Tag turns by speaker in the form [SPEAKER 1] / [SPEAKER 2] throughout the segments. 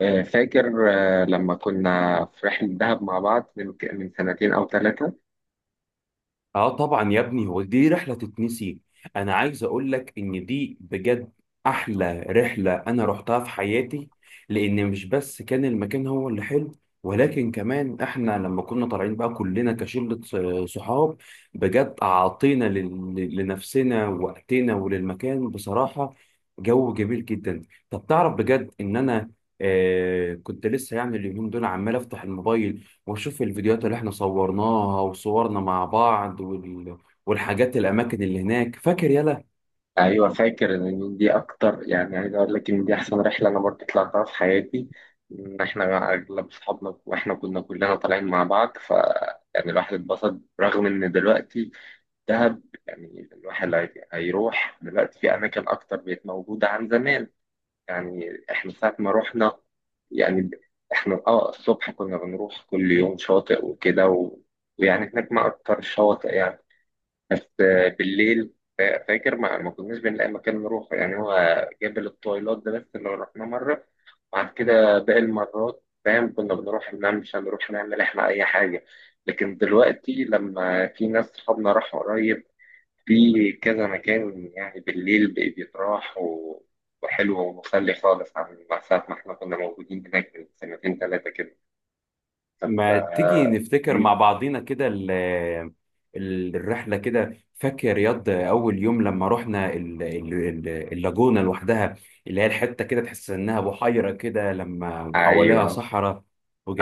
[SPEAKER 1] فاكر. لما كنا في رحلة دهب مع بعض من سنتين أو ثلاثة.
[SPEAKER 2] اه طبعا يا ابني، هو دي رحله تتنسي. انا عايز اقول لك ان دي بجد احلى رحله انا رحتها في حياتي. لان مش بس كان المكان هو اللي حلو، ولكن كمان احنا لما كنا طالعين بقى كلنا كشله صحاب. بجد اعطينا لنفسنا وقتنا وللمكان بصراحه. جو جميل جدا. طب تعرف بجد ان انا كنت لسه يعني اليومين دول عمال افتح الموبايل واشوف الفيديوهات اللي احنا صورناها وصورنا مع بعض، والحاجات الاماكن اللي هناك، فاكر؟ يلا،
[SPEAKER 1] أيوة، فاكر إن دي أكتر، يعني عايز أقول لك إن دي أحسن رحلة أنا برضه طلعتها في حياتي. إن إحنا أغلب أصحابنا وإحنا كنا كلنا طالعين مع بعض ف، يعني الواحد اتبسط رغم إن دلوقتي دهب، يعني الواحد هيروح دلوقتي في أماكن أكتر بقت موجودة عن زمان. يعني احنا ساعة ما رحنا، يعني احنا الصبح كنا بنروح كل يوم شاطئ وكده ويعني هناك ما اكتر الشواطئ يعني. بس بالليل فاكر ما كناش بنلاقي مكان نروح، يعني هو جبل الطويلات ده بس اللي رحناه مرة. بعد كده باقي المرات فاهم، كنا بنروح الممشى نروح نعمل احنا اي حاجة. لكن دلوقتي لما في ناس صحابنا راحوا قريب في كذا مكان، يعني بالليل بيتراح وحلو ومسلي خالص عن ساعة ما احنا كنا موجودين هناك من سنتين ثلاثة كده، فانت.
[SPEAKER 2] ما تيجي نفتكر
[SPEAKER 1] مم.
[SPEAKER 2] مع بعضينا كده الرحله كده. فاكر رياض اول يوم لما رحنا اللاجونه لوحدها، اللي هي الحته كده تحس انها بحيره كده لما حواليها
[SPEAKER 1] ايوه.
[SPEAKER 2] صحراء،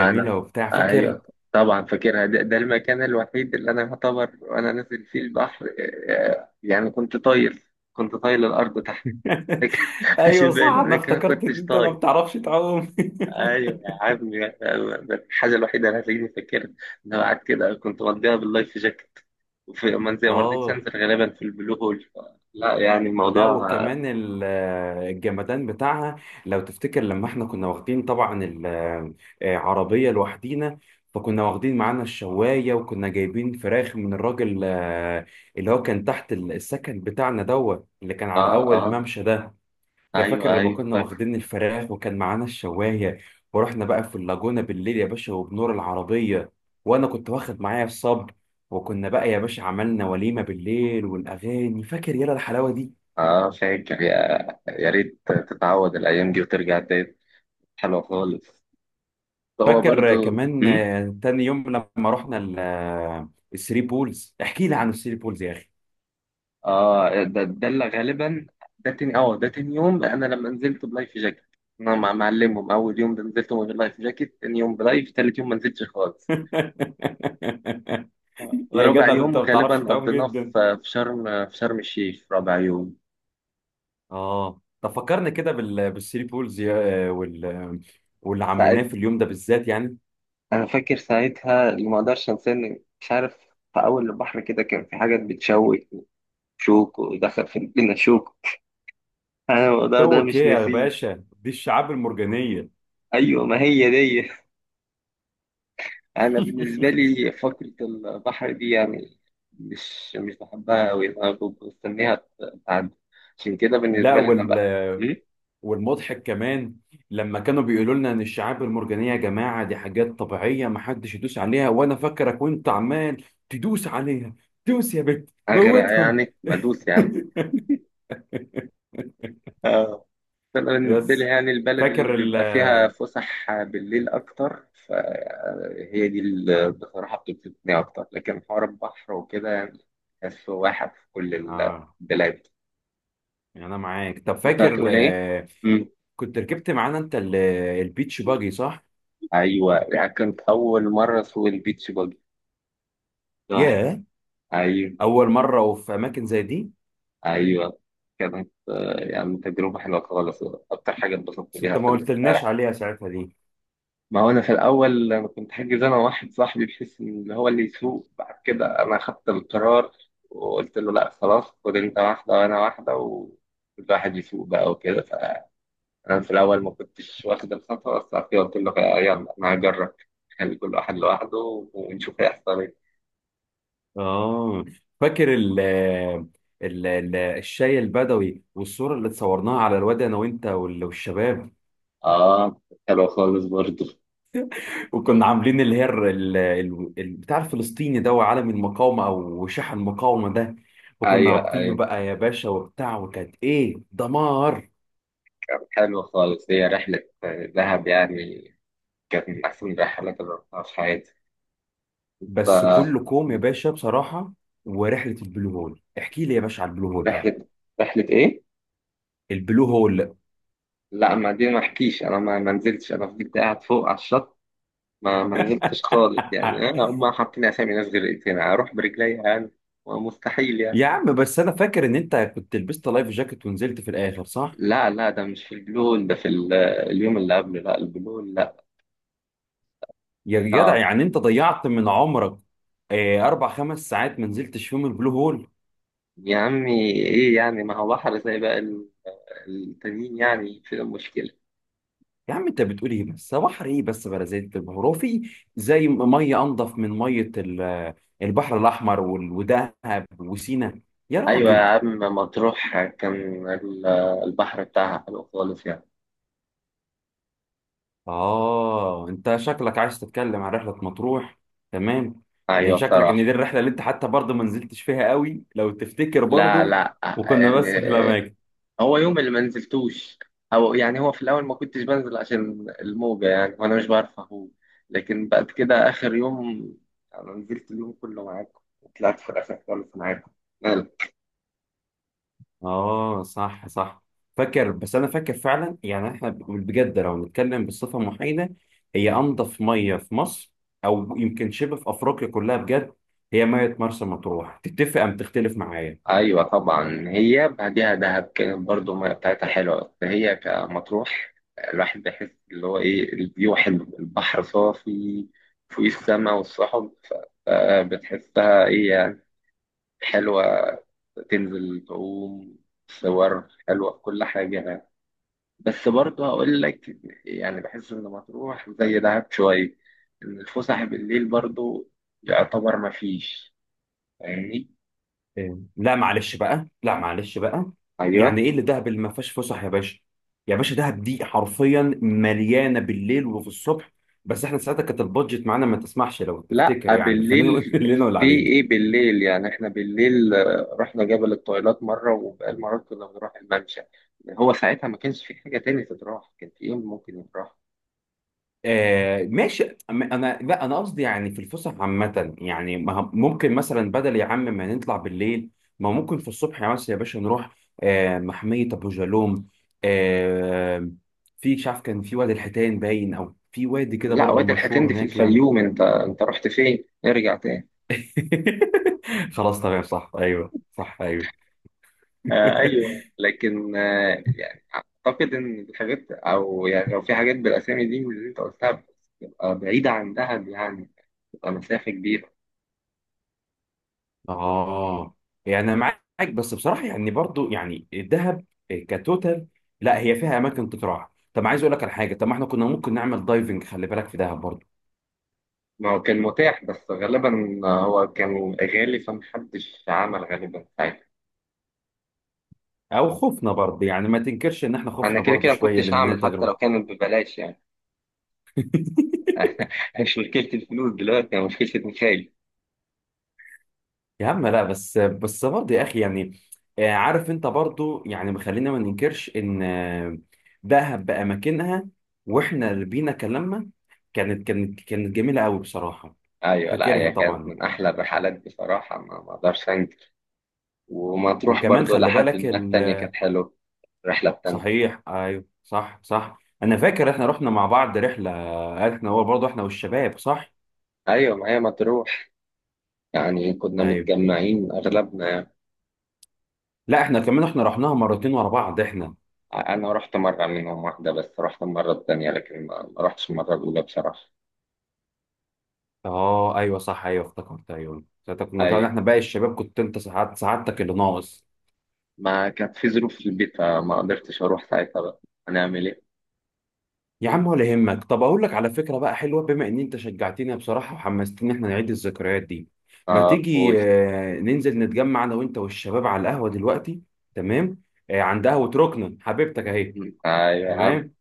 [SPEAKER 1] انا.
[SPEAKER 2] وبتاع، فاكر؟
[SPEAKER 1] ايوه، طبعا فاكرها. ده المكان الوحيد اللي انا يعتبر وانا نازل فيه البحر. يعني كنت طاير، كنت طاير الارض تحت.
[SPEAKER 2] ايوه
[SPEAKER 1] عشان باقي
[SPEAKER 2] صح، انا
[SPEAKER 1] الاماكن ما
[SPEAKER 2] افتكرت ان
[SPEAKER 1] كنتش
[SPEAKER 2] انت ما
[SPEAKER 1] طاير.
[SPEAKER 2] بتعرفش تعوم.
[SPEAKER 1] ايوه يا عم. الحاجه الوحيده اللي هتلاقيني فاكرها ان انا قاعد كده، كنت مضيها باللايف جاكيت. وفي منزل ما رضيتش
[SPEAKER 2] اه.
[SPEAKER 1] انزل غالبا في البلو هول. لا، يعني
[SPEAKER 2] لا،
[SPEAKER 1] الموضوع.
[SPEAKER 2] وكمان الجمدان بتاعها، لو تفتكر لما احنا كنا واخدين طبعا العربية لوحدينا، فكنا واخدين معانا الشواية وكنا جايبين فراخ من الراجل اللي هو كان تحت السكن بتاعنا دوت، اللي كان على
[SPEAKER 1] اه
[SPEAKER 2] أول
[SPEAKER 1] اه.
[SPEAKER 2] الممشى ده. لا،
[SPEAKER 1] ايوه
[SPEAKER 2] فاكر لما
[SPEAKER 1] ايوه،
[SPEAKER 2] كنا
[SPEAKER 1] فاكر.
[SPEAKER 2] واخدين الفراخ وكان معانا الشواية، ورحنا بقى في اللاجونة بالليل يا باشا وبنور العربية، وأنا كنت واخد معايا الصب، وكنا بقى يا باشا عملنا وليمة بالليل والأغاني، فاكر يلا الحلاوة دي؟
[SPEAKER 1] اه، فاكر يا. يا ريت تتعود الايام دي وترجع تاني، حلوه خالص. هو
[SPEAKER 2] فاكر
[SPEAKER 1] برضو
[SPEAKER 2] كمان،
[SPEAKER 1] مم؟
[SPEAKER 2] تاني يوم لما رحنا الثري بولز؟ احكي لي عن الثري بولز يا اخي.
[SPEAKER 1] اه، ده اللي غالبا. ده تاني يوم انا لما نزلت بلايف جاكيت. انا مع معلمهم اول يوم، ده نزلت من غير لايف جاكيت، تاني يوم بلايف، تالت يوم ما نزلتش خالص.
[SPEAKER 2] يا
[SPEAKER 1] رابع
[SPEAKER 2] جدع، ده انت
[SPEAKER 1] يوم
[SPEAKER 2] ما
[SPEAKER 1] غالبا
[SPEAKER 2] بتعرفش تعوم
[SPEAKER 1] قضيناه
[SPEAKER 2] جدا.
[SPEAKER 1] في شرم الشيخ رابع يوم.
[SPEAKER 2] اه طب، فكرنا كده بالثري بولز يا... آه، وال... آه، واللي عملناه
[SPEAKER 1] ساعت
[SPEAKER 2] في اليوم ده بالذات يعني.
[SPEAKER 1] انا فاكر ساعتها اللي ما اقدرش انساه مش عارف. في اول البحر كده كان في حاجات بتشوك، شوك ودخل في لنا شوك، انا الموضوع ده
[SPEAKER 2] شوك
[SPEAKER 1] مش
[SPEAKER 2] ايه يا
[SPEAKER 1] ناسيه.
[SPEAKER 2] باشا؟ دي الشعاب المرجانيه.
[SPEAKER 1] ايوه ما هي دي. انا بالنسبه لي فقره البحر دي يعني مش بحبها قوي انا. بستنيها تعدي، عشان كده
[SPEAKER 2] لا،
[SPEAKER 1] بالنسبه لي انا بقى
[SPEAKER 2] والمضحك كمان، لما كانوا بيقولوا لنا ان الشعاب المرجانيه يا جماعه دي حاجات طبيعيه ما حدش يدوس عليها، وانا فاكرك وانت عمال تدوس عليها. دوس يا بت،
[SPEAKER 1] اغرق
[SPEAKER 2] موتهم!
[SPEAKER 1] يعني ما ادوس يعني. انا بالنسبه لي
[SPEAKER 2] بس
[SPEAKER 1] يعني البلد اللي
[SPEAKER 2] فاكر ال
[SPEAKER 1] بيبقى فيها فسح بالليل اكتر، فهي دي اللي بصراحه بتبسطني اكتر. لكن حوار البحر وكده يعني تحسه واحد في كل
[SPEAKER 2] اه
[SPEAKER 1] البلاد.
[SPEAKER 2] يعني انا معاك. طب
[SPEAKER 1] كنت
[SPEAKER 2] فاكر،
[SPEAKER 1] هتقول ايه؟ مم.
[SPEAKER 2] كنت ركبت معانا انت البيتش باجي، صح؟
[SPEAKER 1] ايوه، يعني كانت اول مره اسوق البيتش باجي لوحدي.
[SPEAKER 2] ياه،
[SPEAKER 1] ايوه
[SPEAKER 2] اول مره وفي اماكن زي دي.
[SPEAKER 1] ايوه. كانت يعني تجربه حلوه خالص، اكتر حاجه اتبسطت
[SPEAKER 2] بس
[SPEAKER 1] بيها
[SPEAKER 2] انت ما
[SPEAKER 1] في
[SPEAKER 2] قلتلناش
[SPEAKER 1] الرحله.
[SPEAKER 2] عليها ساعتها دي.
[SPEAKER 1] ما هو انا في الاول انا كنت حاجز انا واحد صاحبي بحيث ان هو اللي يسوق. بعد كده انا خدت القرار وقلت له لا خلاص، خد انت واحده وانا واحده وكل واحد يسوق بقى وكده. فانا في الاول ما كنتش واخد الخطوه، بس بعد كده قلت له يلا انا هجرب، خلي كل واحد لوحده ونشوف هيحصل ايه.
[SPEAKER 2] اه فاكر الشاي البدوي، والصورة اللي اتصورناها على الواد انا وانت والشباب.
[SPEAKER 1] اه، حلو خالص برضه.
[SPEAKER 2] وكنا عاملين اللي هي البتاع الفلسطيني ده، وعلم المقاومة او شاح المقاومة ده، وكنا
[SPEAKER 1] ايوه
[SPEAKER 2] رابطينه
[SPEAKER 1] ايوه،
[SPEAKER 2] بقى يا باشا وبتاع، وكانت ايه؟ دمار!
[SPEAKER 1] كان حلو خالص. هي رحله دهب يعني كانت من احسن الرحلات اللي رحتها في حياتي.
[SPEAKER 2] بس
[SPEAKER 1] ف
[SPEAKER 2] كله كوم يا باشا بصراحة. ورحلة البلو هول، احكي لي يا باشا على البلو هول بقى.
[SPEAKER 1] رحله رحله ايه؟
[SPEAKER 2] البلو هول.
[SPEAKER 1] لا، ما دي ما احكيش انا، ما نزلتش، انا فضلت قاعد فوق على الشط، ما نزلتش خالص يعني. أنا هم حاطين اسامي ناس غير، هنا اروح برجلي يعني، مستحيل يعني.
[SPEAKER 2] يا عم، بس انا فاكر ان انت كنت لبست لايف جاكيت ونزلت في الاخر، صح؟
[SPEAKER 1] لا لا، ده مش في البلو هول، ده في اليوم اللي قبله، لا البلو هول لا.
[SPEAKER 2] يا جدع،
[SPEAKER 1] صعب.
[SPEAKER 2] يعني انت ضيعت من عمرك اربع خمس ساعات ما نزلتش فيهم البلو هول.
[SPEAKER 1] يا عمي ايه يعني، ما هو بحر زي بقى التانيين يعني، في المشكلة؟
[SPEAKER 2] يا عم انت بتقول ايه؟ بس هو بحر ايه؟ بس بلا زيت البحر، هو في زي ميه انضف من ميه البحر الاحمر ودهب وسينا. يا
[SPEAKER 1] ايوه يا
[SPEAKER 2] راجل!
[SPEAKER 1] عم، مطروح كان ال- البحر بتاعها حلو خالص يعني.
[SPEAKER 2] اه، انت شكلك عايز تتكلم عن رحله مطروح. تمام. لان
[SPEAKER 1] ايوه
[SPEAKER 2] شكلك
[SPEAKER 1] بصراحة.
[SPEAKER 2] ان دي الرحله اللي انت حتى برضه ما نزلتش فيها قوي لو تفتكر
[SPEAKER 1] لا
[SPEAKER 2] برضه،
[SPEAKER 1] لا،
[SPEAKER 2] وكنا بس في الاماكن.
[SPEAKER 1] هو يوم اللي ما نزلتوش او يعني، هو في الاول ما كنتش بنزل عشان الموجه يعني، وانا مش بعرف اهو. لكن بعد كده اخر يوم انا نزلت اليوم كله معاكم، وطلعت في الاخر خالص معاكم. مال.
[SPEAKER 2] اه صح صح. فاكر، بس انا فاكر فعلا يعني احنا بجد لو نتكلم بصفه محايده، هي انضف ميه في مصر، او يمكن شبه في افريقيا كلها بجد. هي ميه مرسى مطروح، تتفق ام تختلف معايا؟
[SPEAKER 1] ايوه طبعا، هي بعديها دهب كانت برضو المية بتاعتها حلوه، هي كمطروح الواحد بيحس اللي هو ايه، الفيو حلو، البحر صافي، فوق السما والسحب. فبتحسها ايه يعني، حلوه، تنزل تعوم، صور حلوة، كل حاجة يعني. بس برضه هقول لك، يعني بحس إن مطروح زي دهب شوية، إن الفسح بالليل برضه يعتبر مفيش. فاهمني؟
[SPEAKER 2] إيه. لا معلش بقى، لا معلش بقى.
[SPEAKER 1] أيوه.
[SPEAKER 2] يعني ايه اللي دهب اللي ما فيهاش فسح يا باشا؟ يا باشا، دهب دي حرفيا مليانه بالليل وفي الصبح. بس احنا ساعتها كانت البادجت معانا ما تسمحش، لو
[SPEAKER 1] لا
[SPEAKER 2] تفتكر يعني. خلينا نقول
[SPEAKER 1] بالليل،
[SPEAKER 2] اللي لنا واللي
[SPEAKER 1] في
[SPEAKER 2] علينا.
[SPEAKER 1] إيه بالليل يعني، إحنا بالليل رحنا جبل الطويلات مرة، وبقال مرات كنا بنروح الممشى. هو ساعتها ما كانش في حاجة تاني تتراح، كان في إيه ممكن يتراح؟
[SPEAKER 2] آه ماشي. انا، لا انا قصدي يعني في الفسح عامه، يعني ما هم- ممكن مثلا بدل يا عم ما نطلع بالليل، ما ممكن في الصبح، يا مثلا يا باشا، نروح محميه ابو جالوم. آه في، مش عارف كان في وادي الحيتان باين، او في وادي كده
[SPEAKER 1] ولا
[SPEAKER 2] برضو
[SPEAKER 1] وادي الحيتان
[SPEAKER 2] مشهور
[SPEAKER 1] دي في
[SPEAKER 2] هناك يعني.
[SPEAKER 1] الفيوم، أنت رحت فين؟ ارجع تاني.
[SPEAKER 2] خلاص تمام، صح ايوه، صح ايوه.
[SPEAKER 1] آه ايوه لكن يعني، اعتقد ان الحاجات او يعني لو في حاجات بالاسامي دي من اللي انت قلتها بتبقى بعيده عن دهب يعني، بتبقى مسافه كبيره.
[SPEAKER 2] اه، يعني انا معاك. بس بصراحه يعني، برضو يعني الذهب كتوتال. لا، هي فيها اماكن تتراح. طب عايز اقول لك على حاجه، طب ما احنا كنا ممكن نعمل دايفنج، خلي بالك في دهب برضو.
[SPEAKER 1] ما هو كان متاح، بس غالبا هو كان غالي فمحدش عمل غالبا ساعتها.
[SPEAKER 2] او خوفنا برضو يعني، ما تنكرش ان احنا
[SPEAKER 1] انا
[SPEAKER 2] خوفنا
[SPEAKER 1] كده
[SPEAKER 2] برضو
[SPEAKER 1] كده ما
[SPEAKER 2] شويه،
[SPEAKER 1] كنتش
[SPEAKER 2] لان هي
[SPEAKER 1] هعمل حتى لو
[SPEAKER 2] تجربه.
[SPEAKER 1] كانت ببلاش يعني. مش مشكله الفلوس دلوقتي، هي مشكله ميخائيل.
[SPEAKER 2] يا عم، لا، بس برضه يا اخي يعني، عارف انت برضه يعني، خلينا ما ننكرش ان دهب باماكنها، واحنا اللي بينا كلامنا، كانت جميله قوي بصراحه.
[SPEAKER 1] ايوه، لا
[SPEAKER 2] فاكرها
[SPEAKER 1] هي كانت
[SPEAKER 2] طبعا.
[SPEAKER 1] من احلى الرحلات بصراحه، ما اقدرش انكر. ومطروح
[SPEAKER 2] وكمان
[SPEAKER 1] برضو
[SPEAKER 2] خلي
[SPEAKER 1] لحد
[SPEAKER 2] بالك،
[SPEAKER 1] ما التانيه كانت حلوه، الرحله التانيه.
[SPEAKER 2] صحيح ايوه صح صح، انا فاكر احنا رحنا مع بعض رحله، احنا، هو برضه احنا والشباب، صح؟
[SPEAKER 1] ايوه، ما هي مطروح يعني كنا
[SPEAKER 2] ايوه،
[SPEAKER 1] متجمعين اغلبنا يعني.
[SPEAKER 2] لا احنا كمان، احنا رحناها مرتين ورا بعض احنا.
[SPEAKER 1] انا رحت مره منهم واحده بس، رحت المره التانيه لكن ما رحتش المره الاولى بصراحه.
[SPEAKER 2] اه ايوه صح، ايوه افتكرت، ايوه ساعتها كنا طبعا
[SPEAKER 1] ايوه،
[SPEAKER 2] احنا باقي الشباب، كنت انت ساعات سعادتك اللي ناقص.
[SPEAKER 1] ما كانت في ظروف في البيت فما قدرتش اروح ساعتها بقى، هنعمل ايه.
[SPEAKER 2] يا عم ولا يهمك. طب اقول لك على فكره بقى حلوه، بما ان انت شجعتني بصراحه وحمستني احنا نعيد الذكريات دي. ما
[SPEAKER 1] اه قول.
[SPEAKER 2] تيجي ننزل نتجمع انا وانت والشباب على القهوه دلوقتي؟ تمام. عند قهوه ركنه حبيبتك اهي.
[SPEAKER 1] ايوه يا عم،
[SPEAKER 2] تمام.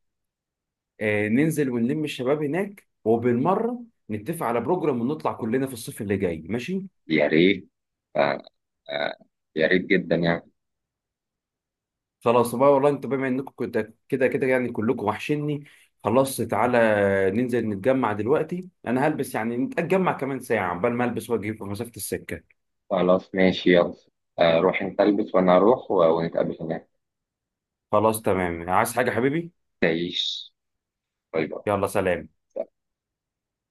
[SPEAKER 2] ننزل ونلم الشباب هناك وبالمره نتفق على بروجرام ونطلع كلنا في الصيف اللي جاي، ماشي؟
[SPEAKER 1] يا ريت. آه، آه، يا ريت جدا يعني.
[SPEAKER 2] خلاص بقى والله، انت بما انكم كده كده يعني كلكم وحشني. خلاص تعالى، ننزل نتجمع دلوقتي، انا هلبس يعني، نتجمع كمان ساعه عقبال ما البس واجي في مسافه السكه.
[SPEAKER 1] خلاص ماشي يلا. روح انت البس وانا اروح ونتقابل هناك.
[SPEAKER 2] خلاص تمام، عايز حاجه حبيبي؟
[SPEAKER 1] تعيش. باي باي.
[SPEAKER 2] يلا سلام.